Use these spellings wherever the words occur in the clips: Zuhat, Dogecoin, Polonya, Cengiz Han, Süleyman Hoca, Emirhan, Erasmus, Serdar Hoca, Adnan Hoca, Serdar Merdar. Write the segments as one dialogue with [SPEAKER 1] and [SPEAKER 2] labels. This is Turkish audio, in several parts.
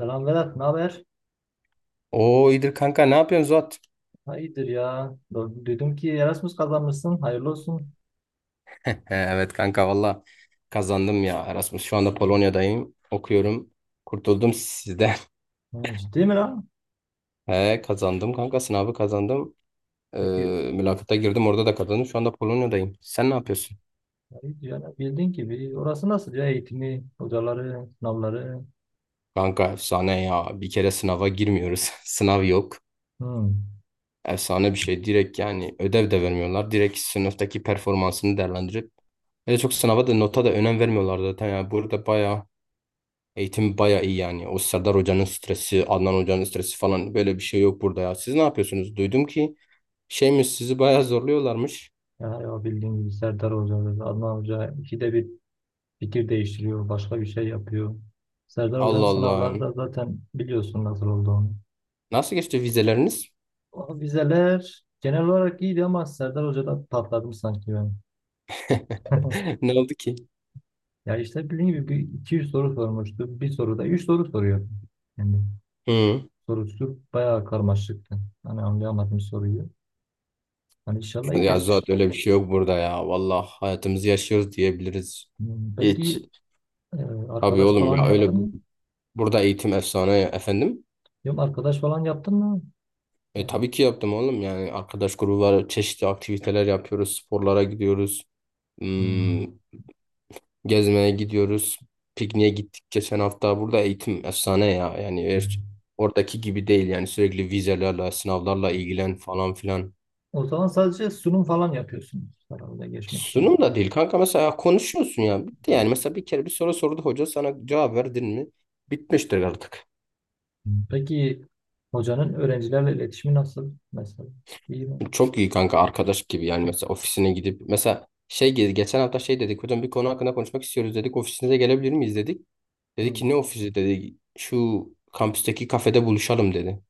[SPEAKER 1] Selam Vedat, ne haber?
[SPEAKER 2] Oo, iyidir kanka, ne yapıyorsun Zuhat?
[SPEAKER 1] Ha, iyidir ya. Duydum ki Erasmus kazanmışsın, hayırlı olsun.
[SPEAKER 2] He, evet kanka, valla kazandım ya Erasmus. Şu anda
[SPEAKER 1] Ha,
[SPEAKER 2] Polonya'dayım. Okuyorum. Kurtuldum sizden.
[SPEAKER 1] ha, ciddi mi lan?
[SPEAKER 2] He, kazandım kanka, sınavı kazandım. Ee,
[SPEAKER 1] Peki,
[SPEAKER 2] Mülakata girdim, orada da kazandım. Şu anda Polonya'dayım. Sen ne yapıyorsun?
[SPEAKER 1] ha, iyidir ya. Bildiğin gibi orası nasıl ya? Eğitimi, hocaları, sınavları.
[SPEAKER 2] Kanka efsane ya. Bir kere sınava girmiyoruz. Sınav yok.
[SPEAKER 1] Hmm.
[SPEAKER 2] Efsane bir şey. Direkt yani ödev de vermiyorlar. Direkt sınıftaki performansını değerlendirip. Öyle çok sınava da nota da önem vermiyorlar zaten. Yani burada eğitim baya iyi yani. O Serdar Hoca'nın stresi, Adnan Hoca'nın stresi falan böyle bir şey yok burada ya. Siz ne yapıyorsunuz? Duydum ki şeymiş, sizi baya zorluyorlarmış.
[SPEAKER 1] Ya, ya bildiğin gibi Serdar Hoca, Adnan Hoca ikide bir fikir değiştiriyor, başka bir şey yapıyor. Serdar Hoca'nın
[SPEAKER 2] Allah Allah.
[SPEAKER 1] sınavları da zaten biliyorsun nasıl olduğunu.
[SPEAKER 2] Nasıl geçti vizeleriniz?
[SPEAKER 1] O vizeler genel olarak iyiydi ama Serdar Hoca'da patladım sanki ben.
[SPEAKER 2] Ne oldu ki?
[SPEAKER 1] Ya işte bildiğim gibi 200 soru sormuştu. Bir soruda 3 soru soruyor. Yani
[SPEAKER 2] Hı.
[SPEAKER 1] sorusu bayağı karmaşıktı. Hani anlayamadım soruyu. Hani inşallah iyi
[SPEAKER 2] Ya zaten
[SPEAKER 1] geçmiştir.
[SPEAKER 2] öyle bir şey yok burada ya. Vallahi hayatımızı yaşıyoruz diyebiliriz.
[SPEAKER 1] Hmm,
[SPEAKER 2] Hiç.
[SPEAKER 1] peki
[SPEAKER 2] Tabii
[SPEAKER 1] arkadaş
[SPEAKER 2] oğlum
[SPEAKER 1] falan
[SPEAKER 2] ya,
[SPEAKER 1] yaptın
[SPEAKER 2] öyle
[SPEAKER 1] mı?
[SPEAKER 2] burada eğitim efsane ya. Efendim.
[SPEAKER 1] Yok, arkadaş falan yaptın mı?
[SPEAKER 2] E, tabii ki yaptım oğlum, yani arkadaş grubu var, çeşitli aktiviteler yapıyoruz, sporlara gidiyoruz. Hmm,
[SPEAKER 1] Hmm.
[SPEAKER 2] Gezmeye gidiyoruz. Pikniğe gittik geçen hafta. Burada eğitim efsane ya. Yani eğer oradaki gibi değil yani, sürekli vizelerle, sınavlarla ilgilen falan filan.
[SPEAKER 1] O zaman sadece sunum falan yapıyorsunuz herhalde geçmek için.
[SPEAKER 2] Sunum da değil kanka, mesela konuşuyorsun ya. Bitti yani, mesela bir kere bir soru sordu hoca, sana cevap verdin mi? Bitmiştir artık.
[SPEAKER 1] Hmm. Peki hocanın öğrencilerle iletişimi nasıl mesela? İyi mi?
[SPEAKER 2] Çok iyi kanka, arkadaş gibi yani. Mesela ofisine gidip mesela şey, geçen hafta şey dedik, hocam bir konu hakkında konuşmak istiyoruz dedik, ofisinize gelebilir miyiz dedik. Dedi
[SPEAKER 1] Hmm.
[SPEAKER 2] ki ne ofisi, dedi şu kampüsteki kafede buluşalım dedi.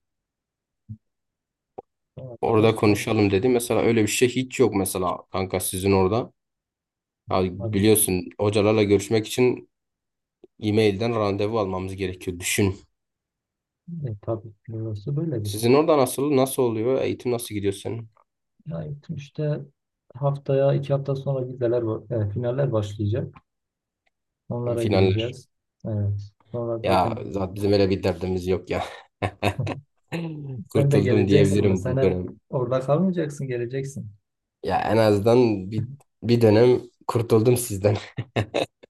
[SPEAKER 2] Orada
[SPEAKER 1] Arkadaş
[SPEAKER 2] konuşalım
[SPEAKER 1] çalışmadım.
[SPEAKER 2] dedi. Mesela öyle bir şey hiç yok mesela kanka, sizin orada. Ya biliyorsun, hocalarla görüşmek için e-mailden randevu almamız gerekiyor. Düşün.
[SPEAKER 1] E, tabii burası böyledir.
[SPEAKER 2] Sizin orada nasıl oluyor? Eğitim nasıl gidiyor senin?
[SPEAKER 1] Ya gittim işte haftaya 2 hafta sonra vizeler var, finaller başlayacak. Onlara
[SPEAKER 2] Finaller.
[SPEAKER 1] gireceğiz. Evet. Sonra
[SPEAKER 2] Ya
[SPEAKER 1] zaten
[SPEAKER 2] zaten bizim öyle bir derdimiz yok ya.
[SPEAKER 1] sen de
[SPEAKER 2] Kurtuldum
[SPEAKER 1] geleceksin mi?
[SPEAKER 2] diyebilirim
[SPEAKER 1] Sen
[SPEAKER 2] bu
[SPEAKER 1] hep
[SPEAKER 2] dönem.
[SPEAKER 1] orada kalmayacaksın, geleceksin.
[SPEAKER 2] Ya en azından bir dönem kurtuldum sizden.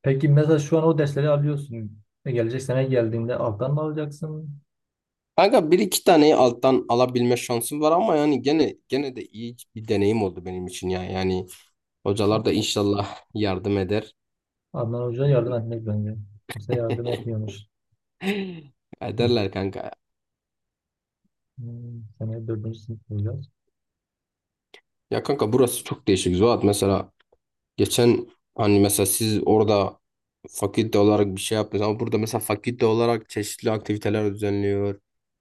[SPEAKER 1] Peki mesela şu an o dersleri alıyorsun. E, gelecek sene geldiğinde alttan mı alacaksın?
[SPEAKER 2] Kanka bir iki taneyi alttan alabilme şansım var ama yani gene de iyi bir deneyim oldu benim için ya. Yani
[SPEAKER 1] A-
[SPEAKER 2] hocalar da inşallah yardım eder.
[SPEAKER 1] Adnan Hoca yardım etmek bence. Kimse yardım etmiyormuş.
[SPEAKER 2] Ederler kanka.
[SPEAKER 1] Hmm, seneye dördüncü sınıf olacağız.
[SPEAKER 2] Ya kanka, burası çok değişik Zuhat. Mesela geçen hani mesela siz orada fakülte olarak bir şey yaptınız ama burada mesela fakülte olarak çeşitli aktiviteler düzenliyor.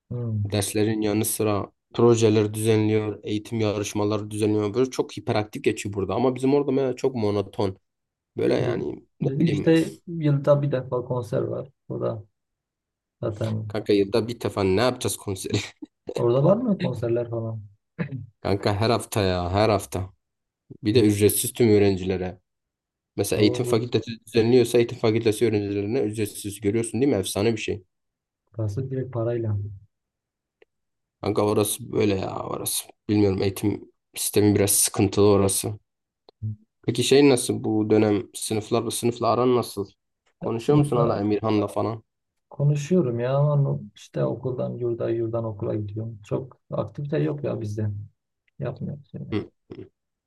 [SPEAKER 1] Hmm.
[SPEAKER 2] Derslerin yanı sıra projeler düzenliyor, eğitim yarışmaları düzenliyor. Böyle çok hiperaktif geçiyor burada ama bizim orada mesela çok monoton. Böyle
[SPEAKER 1] Biz-
[SPEAKER 2] yani ne
[SPEAKER 1] Bizim
[SPEAKER 2] bileyim,
[SPEAKER 1] işte yılda bir defa konser var. O da zaten
[SPEAKER 2] kanka yılda bir defa ne yapacağız konseri?
[SPEAKER 1] orada var mı konserler falan?
[SPEAKER 2] Kanka her hafta ya, her hafta. Bir de ücretsiz tüm öğrencilere. Mesela
[SPEAKER 1] Ama
[SPEAKER 2] eğitim
[SPEAKER 1] bu
[SPEAKER 2] fakültesi düzenliyorsa eğitim fakültesi öğrencilerine ücretsiz görüyorsun, değil mi? Efsane bir şey.
[SPEAKER 1] burası direkt parayla.
[SPEAKER 2] Kanka orası böyle ya, orası. Bilmiyorum, eğitim sistemi biraz sıkıntılı orası. Peki şey nasıl bu dönem, sınıfla aran nasıl?
[SPEAKER 1] Ya
[SPEAKER 2] Konuşuyor musun hala
[SPEAKER 1] sınıfla
[SPEAKER 2] Emirhan'la falan?
[SPEAKER 1] konuşuyorum ya ama işte okuldan yurda, yurdan okula gidiyorum. Çok aktivite yok ya bizde. Yapmıyoruz yani.
[SPEAKER 2] Hı.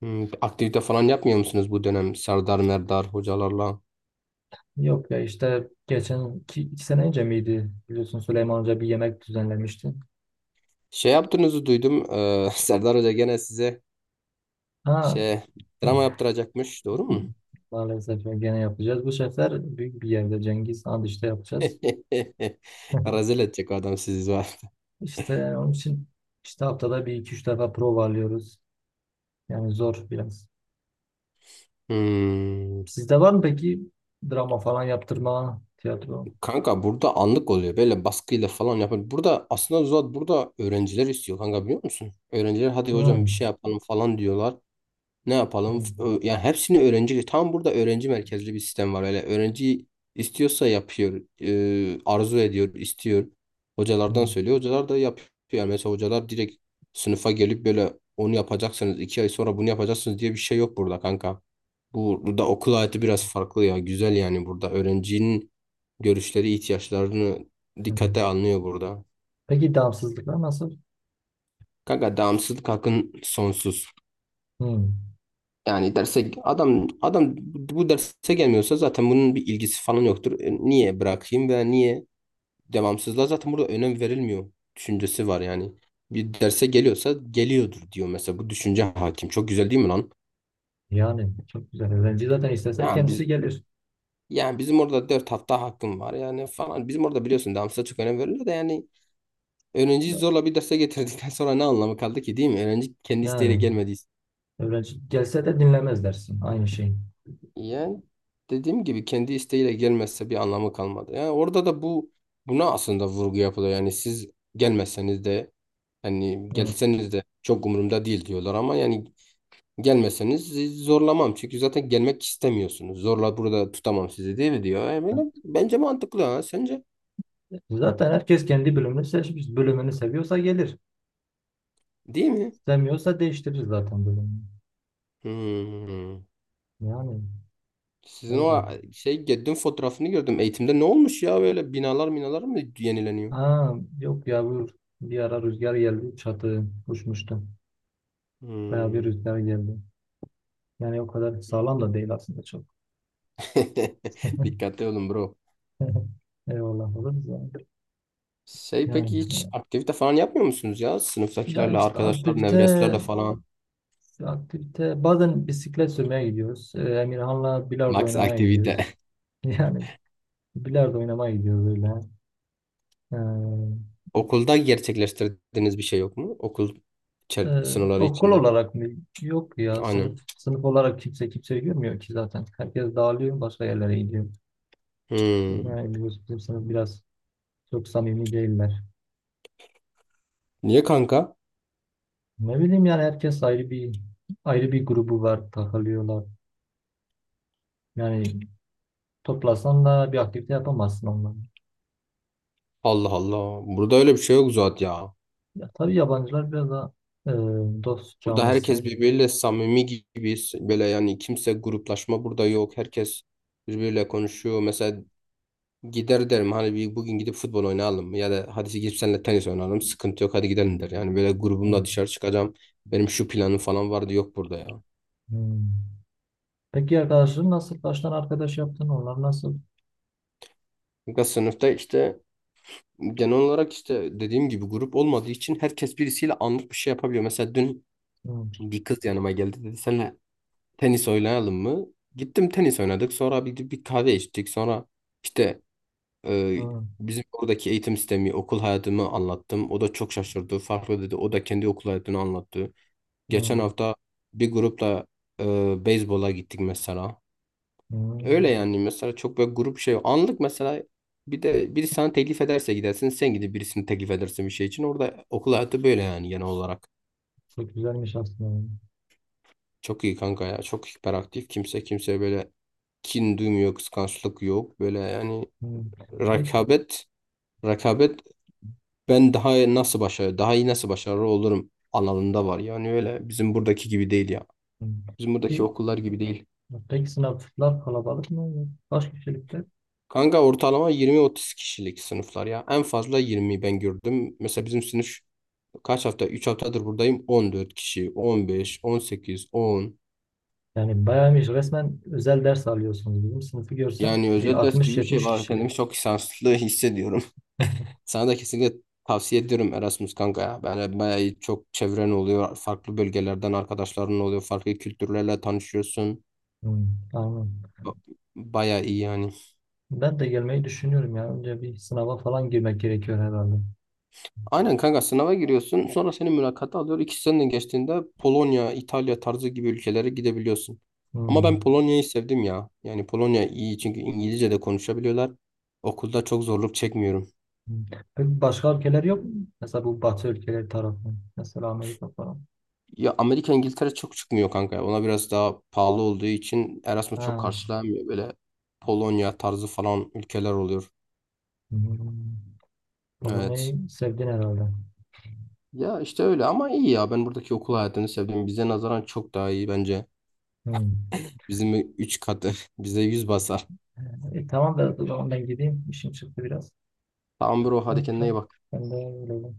[SPEAKER 2] Aktivite falan yapmıyor musunuz bu dönem Serdar Merdar hocalarla?
[SPEAKER 1] Yok ya işte geçen iki sene önce miydi? Biliyorsun Süleyman Hoca bir yemek düzenlemişti.
[SPEAKER 2] Şey yaptığınızı duydum. Serdar Hoca gene size
[SPEAKER 1] Ha,
[SPEAKER 2] şey drama yaptıracakmış. Doğru mu?
[SPEAKER 1] maalesef gene yapacağız. Bu sefer büyük bir yerde Cengiz Han işte yapacağız.
[SPEAKER 2] Rezil edecek o adam sizi.
[SPEAKER 1] İşte onun için işte haftada bir iki üç defa prova alıyoruz. Yani zor biraz.
[SPEAKER 2] Hmm.
[SPEAKER 1] Sizde var mı peki drama falan yaptırma, tiyatro?
[SPEAKER 2] Kanka burada anlık oluyor. Böyle baskıyla falan yapın. Burada aslında Zuhat, burada öğrenciler istiyor kanka, biliyor musun? Öğrenciler hadi hocam bir şey
[SPEAKER 1] Hmm.
[SPEAKER 2] yapalım falan diyorlar. Ne yapalım?
[SPEAKER 1] Hmm.
[SPEAKER 2] Yani hepsini öğrenci. Tam burada öğrenci merkezli bir sistem var. Öyle öğrenci istiyorsa yapıyor. Arzu ediyor, istiyor. Hocalardan söylüyor.
[SPEAKER 1] Hmm.
[SPEAKER 2] Hocalar da yapıyor. Yani mesela hocalar direkt sınıfa gelip böyle onu yapacaksınız, 2 ay sonra bunu yapacaksınız diye bir şey yok burada kanka. Burada okul hayatı biraz farklı ya. Güzel yani burada. Öğrencinin görüşleri, ihtiyaçlarını dikkate
[SPEAKER 1] Hmm.
[SPEAKER 2] alınıyor burada.
[SPEAKER 1] Peki damsızlıklar nasıl?
[SPEAKER 2] Kanka devamsızlık hakkın sonsuz.
[SPEAKER 1] Hmm.
[SPEAKER 2] Yani derse adam bu derse gelmiyorsa zaten bunun bir ilgisi falan yoktur. E, niye bırakayım veya niye devamsızlığa zaten burada önem verilmiyor düşüncesi var yani. Bir derse geliyorsa geliyordur diyor mesela, bu düşünce hakim. Çok güzel değil mi lan?
[SPEAKER 1] Yani çok güzel. Öğrenci zaten istese
[SPEAKER 2] Yani
[SPEAKER 1] kendisi gelir.
[SPEAKER 2] bizim orada 4 hafta hakkım var yani falan. Bizim orada biliyorsun, devamsızlığa çok önem verilir de, yani öğrenciyi zorla bir derse getirdikten sonra ne anlamı kaldı ki, değil mi? Öğrenci kendi isteğiyle
[SPEAKER 1] Yani
[SPEAKER 2] gelmediyse.
[SPEAKER 1] öğrenci gelse de dinlemez dersin. Aynı şey.
[SPEAKER 2] Yani dediğim gibi, kendi isteğiyle gelmezse bir anlamı kalmadı. Yani orada da buna aslında vurgu yapılıyor. Yani siz gelmezseniz de, hani
[SPEAKER 1] Hı.
[SPEAKER 2] gelseniz de çok umurumda değil diyorlar ama yani gelmeseniz sizi zorlamam. Çünkü zaten gelmek istemiyorsunuz. Zorla burada tutamam sizi, değil mi diyor. Yani böyle bence mantıklı ha. Sence
[SPEAKER 1] Zaten herkes kendi bölümünü seçmiş. Bölümünü seviyorsa gelir.
[SPEAKER 2] değil mi?
[SPEAKER 1] Sevmiyorsa değiştirir zaten bölümünü.
[SPEAKER 2] Hmm.
[SPEAKER 1] Yani
[SPEAKER 2] Sizin
[SPEAKER 1] öyle.
[SPEAKER 2] o şey Geddin fotoğrafını gördüm. Eğitimde ne olmuş ya, böyle binalar binalar mı yenileniyor?
[SPEAKER 1] Ha, yok ya bu bir ara rüzgar geldi. Çatı uçmuştu. Bayağı bir
[SPEAKER 2] Hmm.
[SPEAKER 1] rüzgar geldi. Yani o kadar sağlam da değil aslında çok.
[SPEAKER 2] Dikkatli olun bro.
[SPEAKER 1] Eyvallah olur da.
[SPEAKER 2] Şey,
[SPEAKER 1] Yani,
[SPEAKER 2] peki hiç
[SPEAKER 1] evet.
[SPEAKER 2] aktivite falan yapmıyor musunuz ya?
[SPEAKER 1] Ya
[SPEAKER 2] Sınıftakilerle,
[SPEAKER 1] işte
[SPEAKER 2] arkadaşlar,
[SPEAKER 1] aktivite
[SPEAKER 2] nevreslerle falan.
[SPEAKER 1] aktivite bazen bisiklet sürmeye gidiyoruz. Emirhan'la bilardo
[SPEAKER 2] Max
[SPEAKER 1] oynamaya gidiyoruz.
[SPEAKER 2] aktivite.
[SPEAKER 1] Yani bilardo oynamaya gidiyoruz öyle. Ee,
[SPEAKER 2] Okulda gerçekleştirdiğiniz bir şey yok mu? Okul sınırları
[SPEAKER 1] okul
[SPEAKER 2] içinde.
[SPEAKER 1] olarak mı? Yok ya sınıf
[SPEAKER 2] Aynen.
[SPEAKER 1] sınıf olarak kimse kimseyi görmüyor ki zaten. Herkes dağılıyor, başka yerlere gidiyor.
[SPEAKER 2] Hmm.
[SPEAKER 1] Yani biliyorsun bizim sınıf biraz çok samimi değiller.
[SPEAKER 2] Niye kanka?
[SPEAKER 1] Ne bileyim yani herkes ayrı bir grubu var, takılıyorlar. Yani toplasan da bir aktivite yapamazsın onları.
[SPEAKER 2] Allah Allah. Burada öyle bir şey yok zaten ya.
[SPEAKER 1] Ya tabii yabancılar biraz daha e, dost
[SPEAKER 2] Burada
[SPEAKER 1] canlısı.
[SPEAKER 2] herkes birbiriyle samimi gibi, böyle yani kimse gruplaşma burada yok. Herkes birbiriyle konuşuyor. Mesela gider derim hani, bir bugün gidip futbol oynayalım ya da hadi gidip seninle tenis oynayalım. Sıkıntı yok, hadi gidelim der. Yani böyle
[SPEAKER 1] Hı,
[SPEAKER 2] grubumla dışarı çıkacağım. Benim şu planım falan vardı, yok burada ya.
[SPEAKER 1] hı. Peki arkadaşların nasıl? Kaç tane arkadaş yaptın? Onlar nasıl?
[SPEAKER 2] Çünkü sınıfta işte, genel olarak işte dediğim gibi, grup olmadığı için herkes birisiyle anlık bir şey yapabiliyor. Mesela dün
[SPEAKER 1] Hı,
[SPEAKER 2] bir kız yanıma geldi, dedi seninle tenis oynayalım mı? Gittim tenis oynadık, sonra bir kahve içtik, sonra işte, Ee,
[SPEAKER 1] hı,
[SPEAKER 2] bizim oradaki eğitim sistemi, okul hayatımı anlattım. O da çok şaşırdı. Farklı dedi. O da kendi okul hayatını anlattı.
[SPEAKER 1] hı,
[SPEAKER 2] Geçen hafta bir grupla e, beyzbola gittik mesela.
[SPEAKER 1] hı.
[SPEAKER 2] Öyle yani, mesela çok böyle grup şey. Anlık mesela, bir de biri sana teklif ederse gidersin. Sen gidip birisini teklif edersin bir şey için. Orada okul hayatı böyle yani, genel olarak.
[SPEAKER 1] Çok güzelmiş aslında.
[SPEAKER 2] Çok iyi kanka ya. Çok hiperaktif. Kimse kimseye böyle kin duymuyor, kıskançlık yok. Böyle yani,
[SPEAKER 1] Hı. Peki,
[SPEAKER 2] rekabet Rekabet ben daha nasıl başarı, daha iyi nasıl başarılı olurum alanında var. Yani öyle bizim buradaki gibi değil ya.
[SPEAKER 1] hı.
[SPEAKER 2] Bizim buradaki
[SPEAKER 1] Peki,
[SPEAKER 2] okullar gibi değil.
[SPEAKER 1] peki, sınıflar kalabalık mı? Kaç kişilikte?
[SPEAKER 2] Kanka ortalama 20-30 kişilik sınıflar ya. En fazla 20 ben gördüm. Mesela bizim sınıf kaç hafta? 3 haftadır buradayım. 14 kişi, 15, 18, 10.
[SPEAKER 1] Yani bayağıymış, resmen özel ders alıyorsunuz. Bizim sınıfı görsen
[SPEAKER 2] Yani
[SPEAKER 1] bir
[SPEAKER 2] özel ders gibi bir şey
[SPEAKER 1] 60-70
[SPEAKER 2] var. Kendimi
[SPEAKER 1] kişilik.
[SPEAKER 2] çok şanslı hissediyorum. Sana da kesinlikle tavsiye ediyorum Erasmus kanka ya. Yani bayağı iyi, çok çevren oluyor. Farklı bölgelerden arkadaşların oluyor. Farklı kültürlerle tanışıyorsun.
[SPEAKER 1] Hmm, anladım.
[SPEAKER 2] Ba- Bayağı iyi yani.
[SPEAKER 1] Ben de gelmeyi düşünüyorum ya. Önce bir sınava falan girmek gerekiyor herhalde.
[SPEAKER 2] Aynen kanka, sınava giriyorsun. Sonra seni mülakata alıyor. 2 seneden geçtiğinde Polonya, İtalya tarzı gibi ülkelere gidebiliyorsun. Ama
[SPEAKER 1] Hmm.
[SPEAKER 2] ben Polonya'yı sevdim ya. Yani Polonya iyi, çünkü İngilizce de konuşabiliyorlar. Okulda çok zorluk çekmiyorum.
[SPEAKER 1] Hmm. Peki başka ülkeler yok mu? Mesela bu Batı ülkeleri tarafı. Mesela Amerika falan.
[SPEAKER 2] Ya Amerika, İngiltere çok çıkmıyor kanka. Ona biraz daha pahalı olduğu için Erasmus çok
[SPEAKER 1] Ha.
[SPEAKER 2] karşılanmıyor. Böyle Polonya tarzı falan ülkeler oluyor.
[SPEAKER 1] Hmm.
[SPEAKER 2] Evet.
[SPEAKER 1] Polonya'yı sevdin herhalde.
[SPEAKER 2] Ya işte öyle, ama iyi ya. Ben buradaki okul hayatını sevdim. Bize nazaran çok daha iyi bence.
[SPEAKER 1] Hmm.
[SPEAKER 2] Bizim 3 katı. Bize 100 basar.
[SPEAKER 1] E, tamam da o zaman ben gideyim. İşim çıktı biraz.
[SPEAKER 2] Tamam bro, hadi
[SPEAKER 1] Tamam,
[SPEAKER 2] kendine iyi
[SPEAKER 1] tamam.
[SPEAKER 2] bak.
[SPEAKER 1] Ben de öyle.